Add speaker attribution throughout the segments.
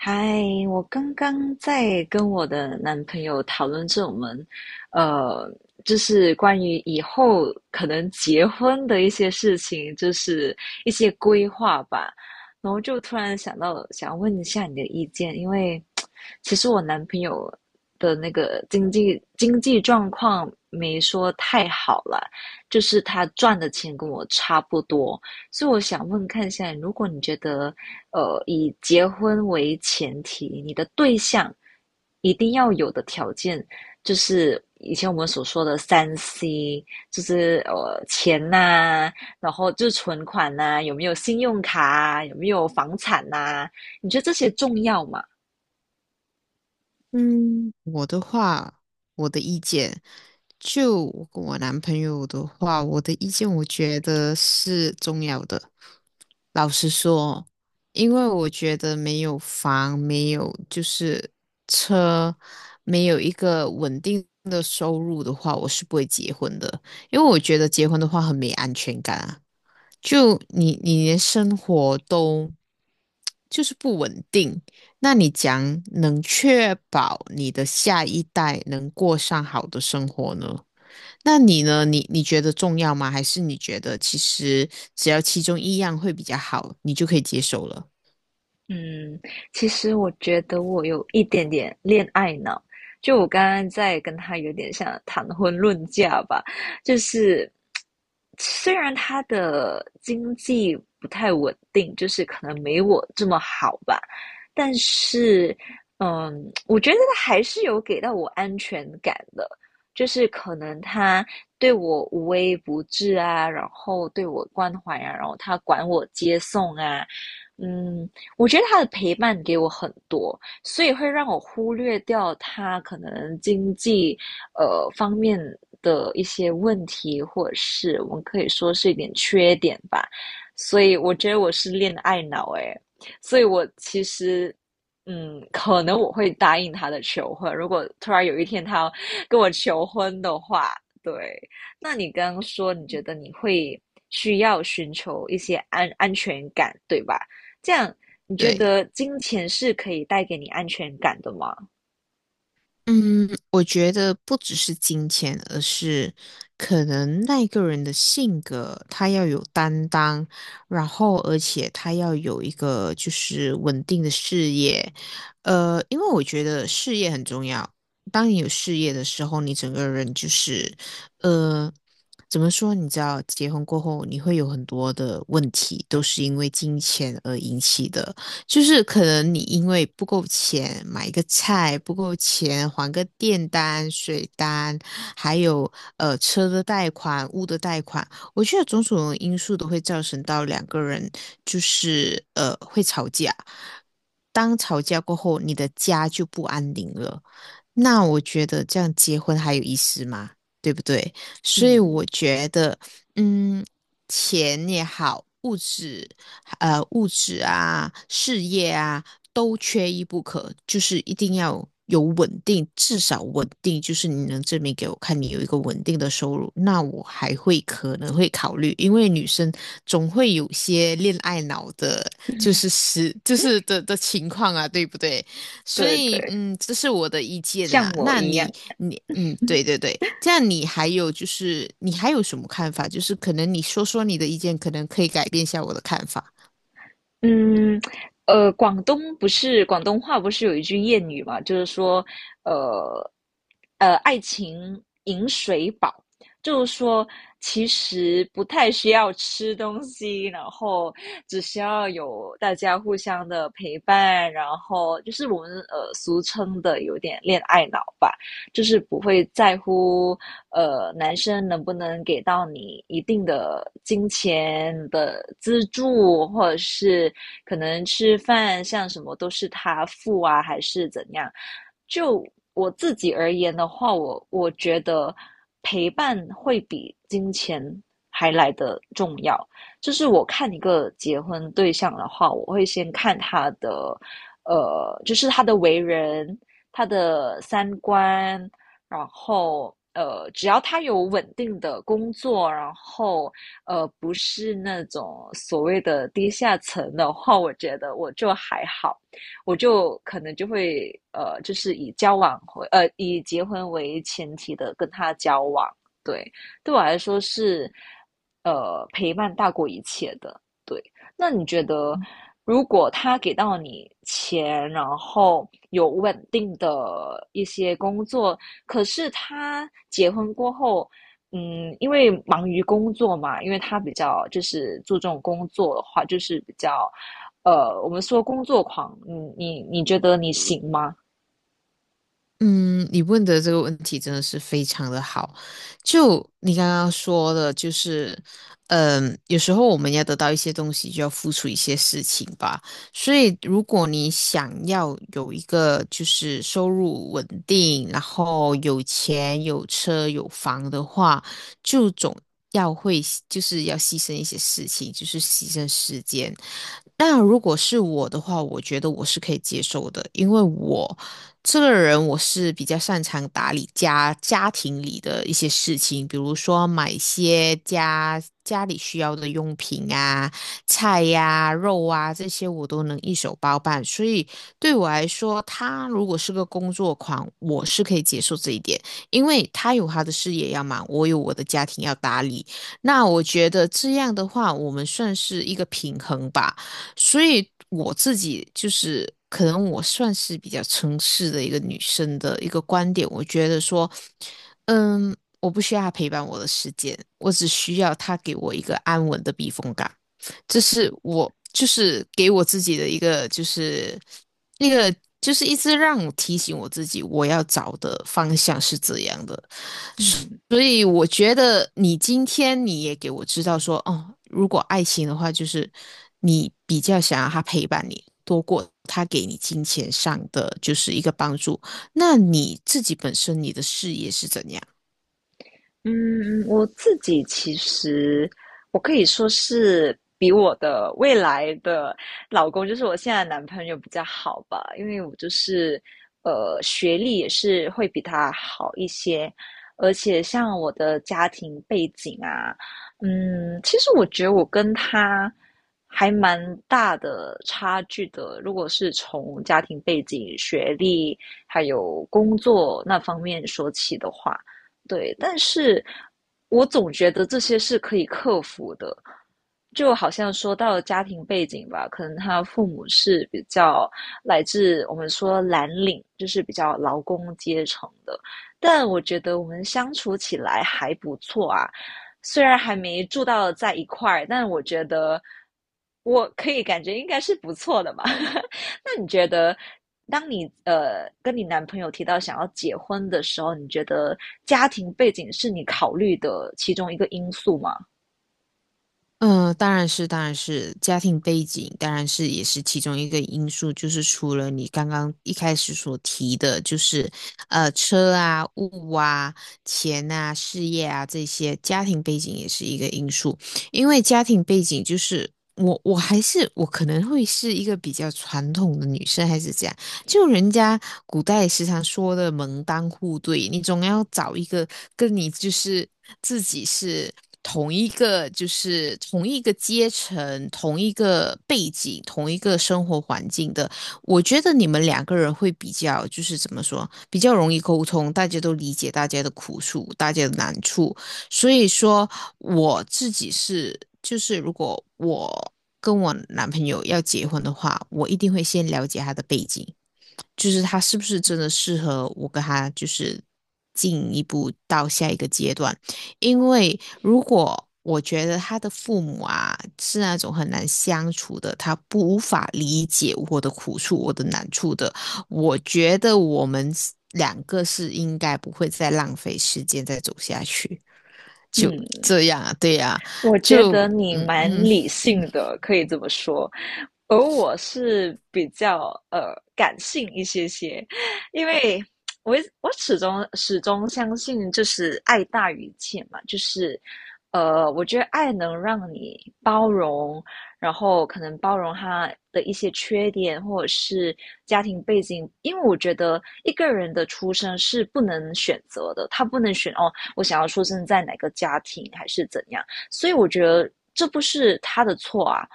Speaker 1: 嗨，我刚刚在跟我的男朋友讨论这种们，呃，就是关于以后可能结婚的一些事情，就是一些规划吧。然后就突然想到，想问一下你的意见，因为其实我男朋友的那个经济状况没说太好了，就是他赚的钱跟我差不多，所以我想问看一下，如果你觉得以结婚为前提，你的对象一定要有的条件，就是以前我们所说的三 C，就是钱呐、啊然后就是存款呐、啊有没有信用卡啊，有没有房产呐、啊你觉得这些重要吗？
Speaker 2: 嗯，我的话，我的意见，就我跟我男朋友的话，我的意见我觉得是重要的。老实说，因为我觉得没有房，没有就是车，没有一个稳定的收入的话，我是不会结婚的。因为我觉得结婚的话很没安全感啊，就你连生活都就是不稳定。那你讲能确保你的下一代能过上好的生活呢？那你呢？你觉得重要吗？还是你觉得其实只要其中一样会比较好，你就可以接受了？
Speaker 1: 嗯，其实我觉得我有一点点恋爱脑，就我刚刚在跟他有点像谈婚论嫁吧，就是虽然他的经济不太稳定，就是可能没我这么好吧，但是嗯，我觉得他还是有给到我安全感的，就是可能他对我无微不至啊，然后对我关怀啊，然后他管我接送啊。嗯，我觉得他的陪伴给我很多，所以会让我忽略掉他可能经济方面的一些问题，或者是我们可以说是一点缺点吧。所以我觉得我是恋爱脑诶，所以我其实。嗯，可能我会答应他的求婚。如果突然有一天他要跟我求婚的话，对，那你刚刚说你觉得你会需要寻求一些安全感，对吧？这样你觉
Speaker 2: 对，
Speaker 1: 得金钱是可以带给你安全感的吗？
Speaker 2: 嗯，我觉得不只是金钱，而是可能那个人的性格，他要有担当，然后而且他要有一个就是稳定的事业。因为我觉得事业很重要。当你有事业的时候，你整个人就是，呃，怎么说？你知道，结婚过后你会有很多的问题，都是因为金钱而引起的。就是可能你因为不够钱买一个菜，不够钱还个电单、水单，还有车的贷款、物的贷款，我觉得种种因素都会造成到两个人就是会吵架。当吵架过后，你的家就不安宁了。那我觉得这样结婚还有意思吗？对不对？所以
Speaker 1: 嗯，
Speaker 2: 我觉得，嗯，钱也好，物质。物质啊、事业啊都缺一不可，就是一定要有稳定，至少稳定，就是你能证明给我看你有一个稳定的收入，那我还会可能会考虑，因为女生总会有些恋爱脑的，就是是就是的情况啊，对不对？所
Speaker 1: 对
Speaker 2: 以，
Speaker 1: 对，
Speaker 2: 嗯，这是我的意见
Speaker 1: 像
Speaker 2: 啦。
Speaker 1: 我
Speaker 2: 那
Speaker 1: 一样，
Speaker 2: 你，你，嗯，对对对，这样你还有就是，你还有什么看法？就是可能你说说你的意见，可能可以改变一下我的看法。
Speaker 1: 嗯，广东不是广东话不是有一句谚语嘛，就是说，呃，爱情饮水饱，就是说其实不太需要吃东西，然后只需要有大家互相的陪伴，然后就是我们俗称的有点恋爱脑吧。就是不会在乎男生能不能给到你一定的金钱的资助，或者是可能吃饭像什么都是他付啊，还是怎样？就我自己而言的话，我觉得陪伴会比金钱还来得重要。就是我看一个结婚对象的话，我会先看他的，就是他的为人、他的三观，然后只要他有稳定的工作，然后不是那种所谓的低下层的话，我觉得我就还好，我就可能就会就是以结婚为前提的跟他交往，对，对我来说是陪伴大过一切的，对。那你觉得，如果他给到你钱，然后有稳定的一些工作，可是他结婚过后，嗯，因为忙于工作嘛，因为他比较就是注重工作的话，就是比较，我们说工作狂，你觉得你行吗？
Speaker 2: 嗯，你问的这个问题真的是非常的好。就你刚刚说的，就是，嗯，有时候我们要得到一些东西，就要付出一些事情吧。所以，如果你想要有一个就是收入稳定，然后有钱、有车、有房的话，就总要会就是要牺牲一些事情，就是牺牲时间。那如果是我的话，我觉得我是可以接受的，因为我。这个人我是比较擅长打理家庭里的一些事情，比如说买一些家里需要的用品啊、菜呀、肉啊这些，我都能一手包办。所以对我来说，他如果是个工作狂，我是可以接受这一点，因为他有他的事业要忙，我有我的家庭要打理。那我觉得这样的话，我们算是一个平衡吧。所以我自己就是可能我算是比较诚实的一个女生的一个观点，我觉得说，嗯，我不需要她陪伴我的时间，我只需要他给我一个安稳的避风港，这是我就是给我自己的一个就是那个就是一直让我提醒我自己我要找的方向是这样的。
Speaker 1: 嗯，
Speaker 2: 所以我觉得你今天你也给我知道说，哦，如果爱情的话，就是你比较想要他陪伴你，多过他给你金钱上的就是一个帮助。那你自己本身你的事业是怎样？
Speaker 1: 嗯，我自己其实我可以说是比我的未来的老公，就是我现在的男朋友比较好吧，因为我就是学历也是会比他好一些，而且像我的家庭背景啊，嗯，其实我觉得我跟他还蛮大的差距的，如果是从家庭背景、学历还有工作那方面说起的话。对，但是我总觉得这些是可以克服的。就好像说到家庭背景吧，可能他父母是比较来自我们说蓝领，就是比较劳工阶层的，但我觉得我们相处起来还不错啊。虽然还没住到在一块儿，但我觉得我可以感觉应该是不错的嘛。那你觉得当你跟你男朋友提到想要结婚的时候，你觉得家庭背景是你考虑的其中一个因素吗？
Speaker 2: 嗯，当然是，当然是，家庭背景当然是也是其中一个因素，就是除了你刚刚一开始所提的，就是车啊、物啊、钱啊、事业啊这些，家庭背景也是一个因素，因为家庭背景就是我还是我可能会是一个比较传统的女生还是这样，就人家古代也时常说的门当户对，你总要找一个跟你就是自己是同一个，就是同一个阶层、同一个背景、同一个生活环境的。我觉得你们两个人会比较，就是怎么说，比较容易沟通，大家都理解大家的苦处、大家的难处。所以说，我自己是，就是如果我跟我男朋友要结婚的话，我一定会先了解他的背景，就是他是不是真的适合我跟他就是进一步到下一个阶段？因为如果我觉得他的父母啊是那种很难相处的，他不无法理解我的苦处、我的难处的，我觉得我们两个是应该不会再浪费时间再走下去，就
Speaker 1: 嗯，
Speaker 2: 这样啊，对呀、啊
Speaker 1: 我觉
Speaker 2: 就
Speaker 1: 得你
Speaker 2: 嗯
Speaker 1: 蛮
Speaker 2: 嗯
Speaker 1: 理性的，可以这么说。而我是比较感性一些些，因为我始终相信就是爱大于一切嘛，就是我觉得爱能让你包容，然后可能包容他的一些缺点或者是家庭背景，因为我觉得一个人的出生是不能选择的，他不能选哦，我想要出生在哪个家庭还是怎样。所以我觉得这不是他的错啊。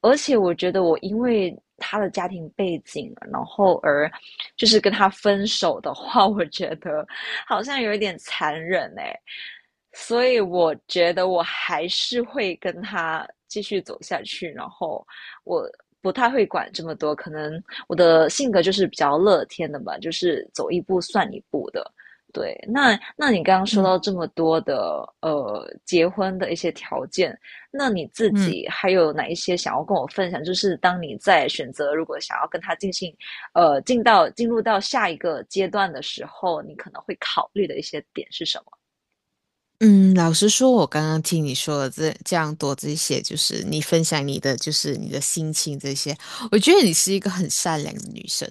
Speaker 1: 而且我觉得我因为他的家庭背景，然后而就是跟他分手的话，我觉得好像有一点残忍哎、欸所以我觉得我还是会跟他继续走下去，然后我不太会管这么多，可能我的性格就是比较乐天的吧，就是走一步算一步的。对，那你刚刚说
Speaker 2: 嗯嗯。
Speaker 1: 到这么多的结婚的一些条件，那你自
Speaker 2: 嗯
Speaker 1: 己还有哪一些想要跟我分享？就是当你在选择如果想要跟他进行进入到下一个阶段的时候，你可能会考虑的一些点是什么？
Speaker 2: 嗯，老实说，我刚刚听你说了这样多这些，就是你分享你的，就是你的心情这些，我觉得你是一个很善良的女生，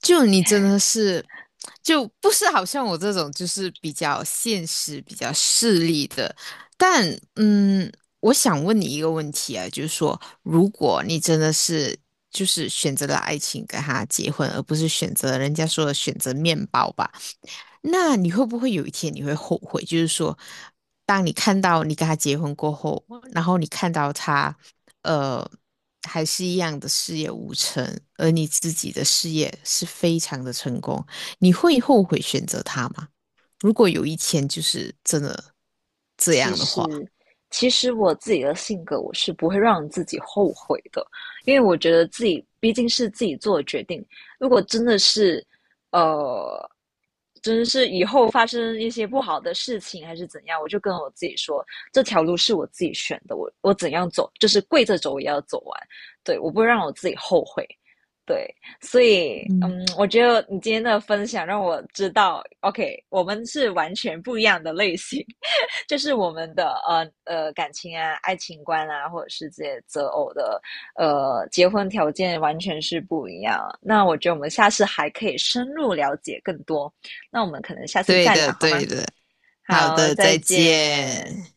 Speaker 2: 就你真的是，就不是好像我这种就是比较现实、比较势利的，但嗯，我想问你一个问题啊，就是说，如果你真的是就是选择了爱情跟他结婚，而不是选择人家说的选择面包吧？那你会不会有一天你会后悔？就是说，当你看到你跟他结婚过后，然后你看到他，呃，还是一样的事业无成，而你自己的事业是非常的成功，你会后悔选择他吗？如果有一天就是真的这
Speaker 1: 其
Speaker 2: 样的话，
Speaker 1: 实，其实我自己的性格，我是不会让自己后悔的，因为我觉得自己毕竟是自己做的决定。如果真的是，呃，真的是以后发生一些不好的事情还是怎样，我就跟我自己说，这条路是我自己选的，我怎样走，就是跪着走也要走完。对，我不会让我自己后悔。对，所以，
Speaker 2: 嗯，
Speaker 1: 嗯，我觉得你今天的分享让我知道，OK，我们是完全不一样的类型。这是我们的感情啊、爱情观啊，或者是这些择偶的结婚条件完全是不一样。那我觉得我们下次还可以深入了解更多。那我们可能下次
Speaker 2: 对
Speaker 1: 再聊
Speaker 2: 的，
Speaker 1: 好吗？
Speaker 2: 对的，好
Speaker 1: 好，
Speaker 2: 的，
Speaker 1: 再
Speaker 2: 再
Speaker 1: 见。
Speaker 2: 见。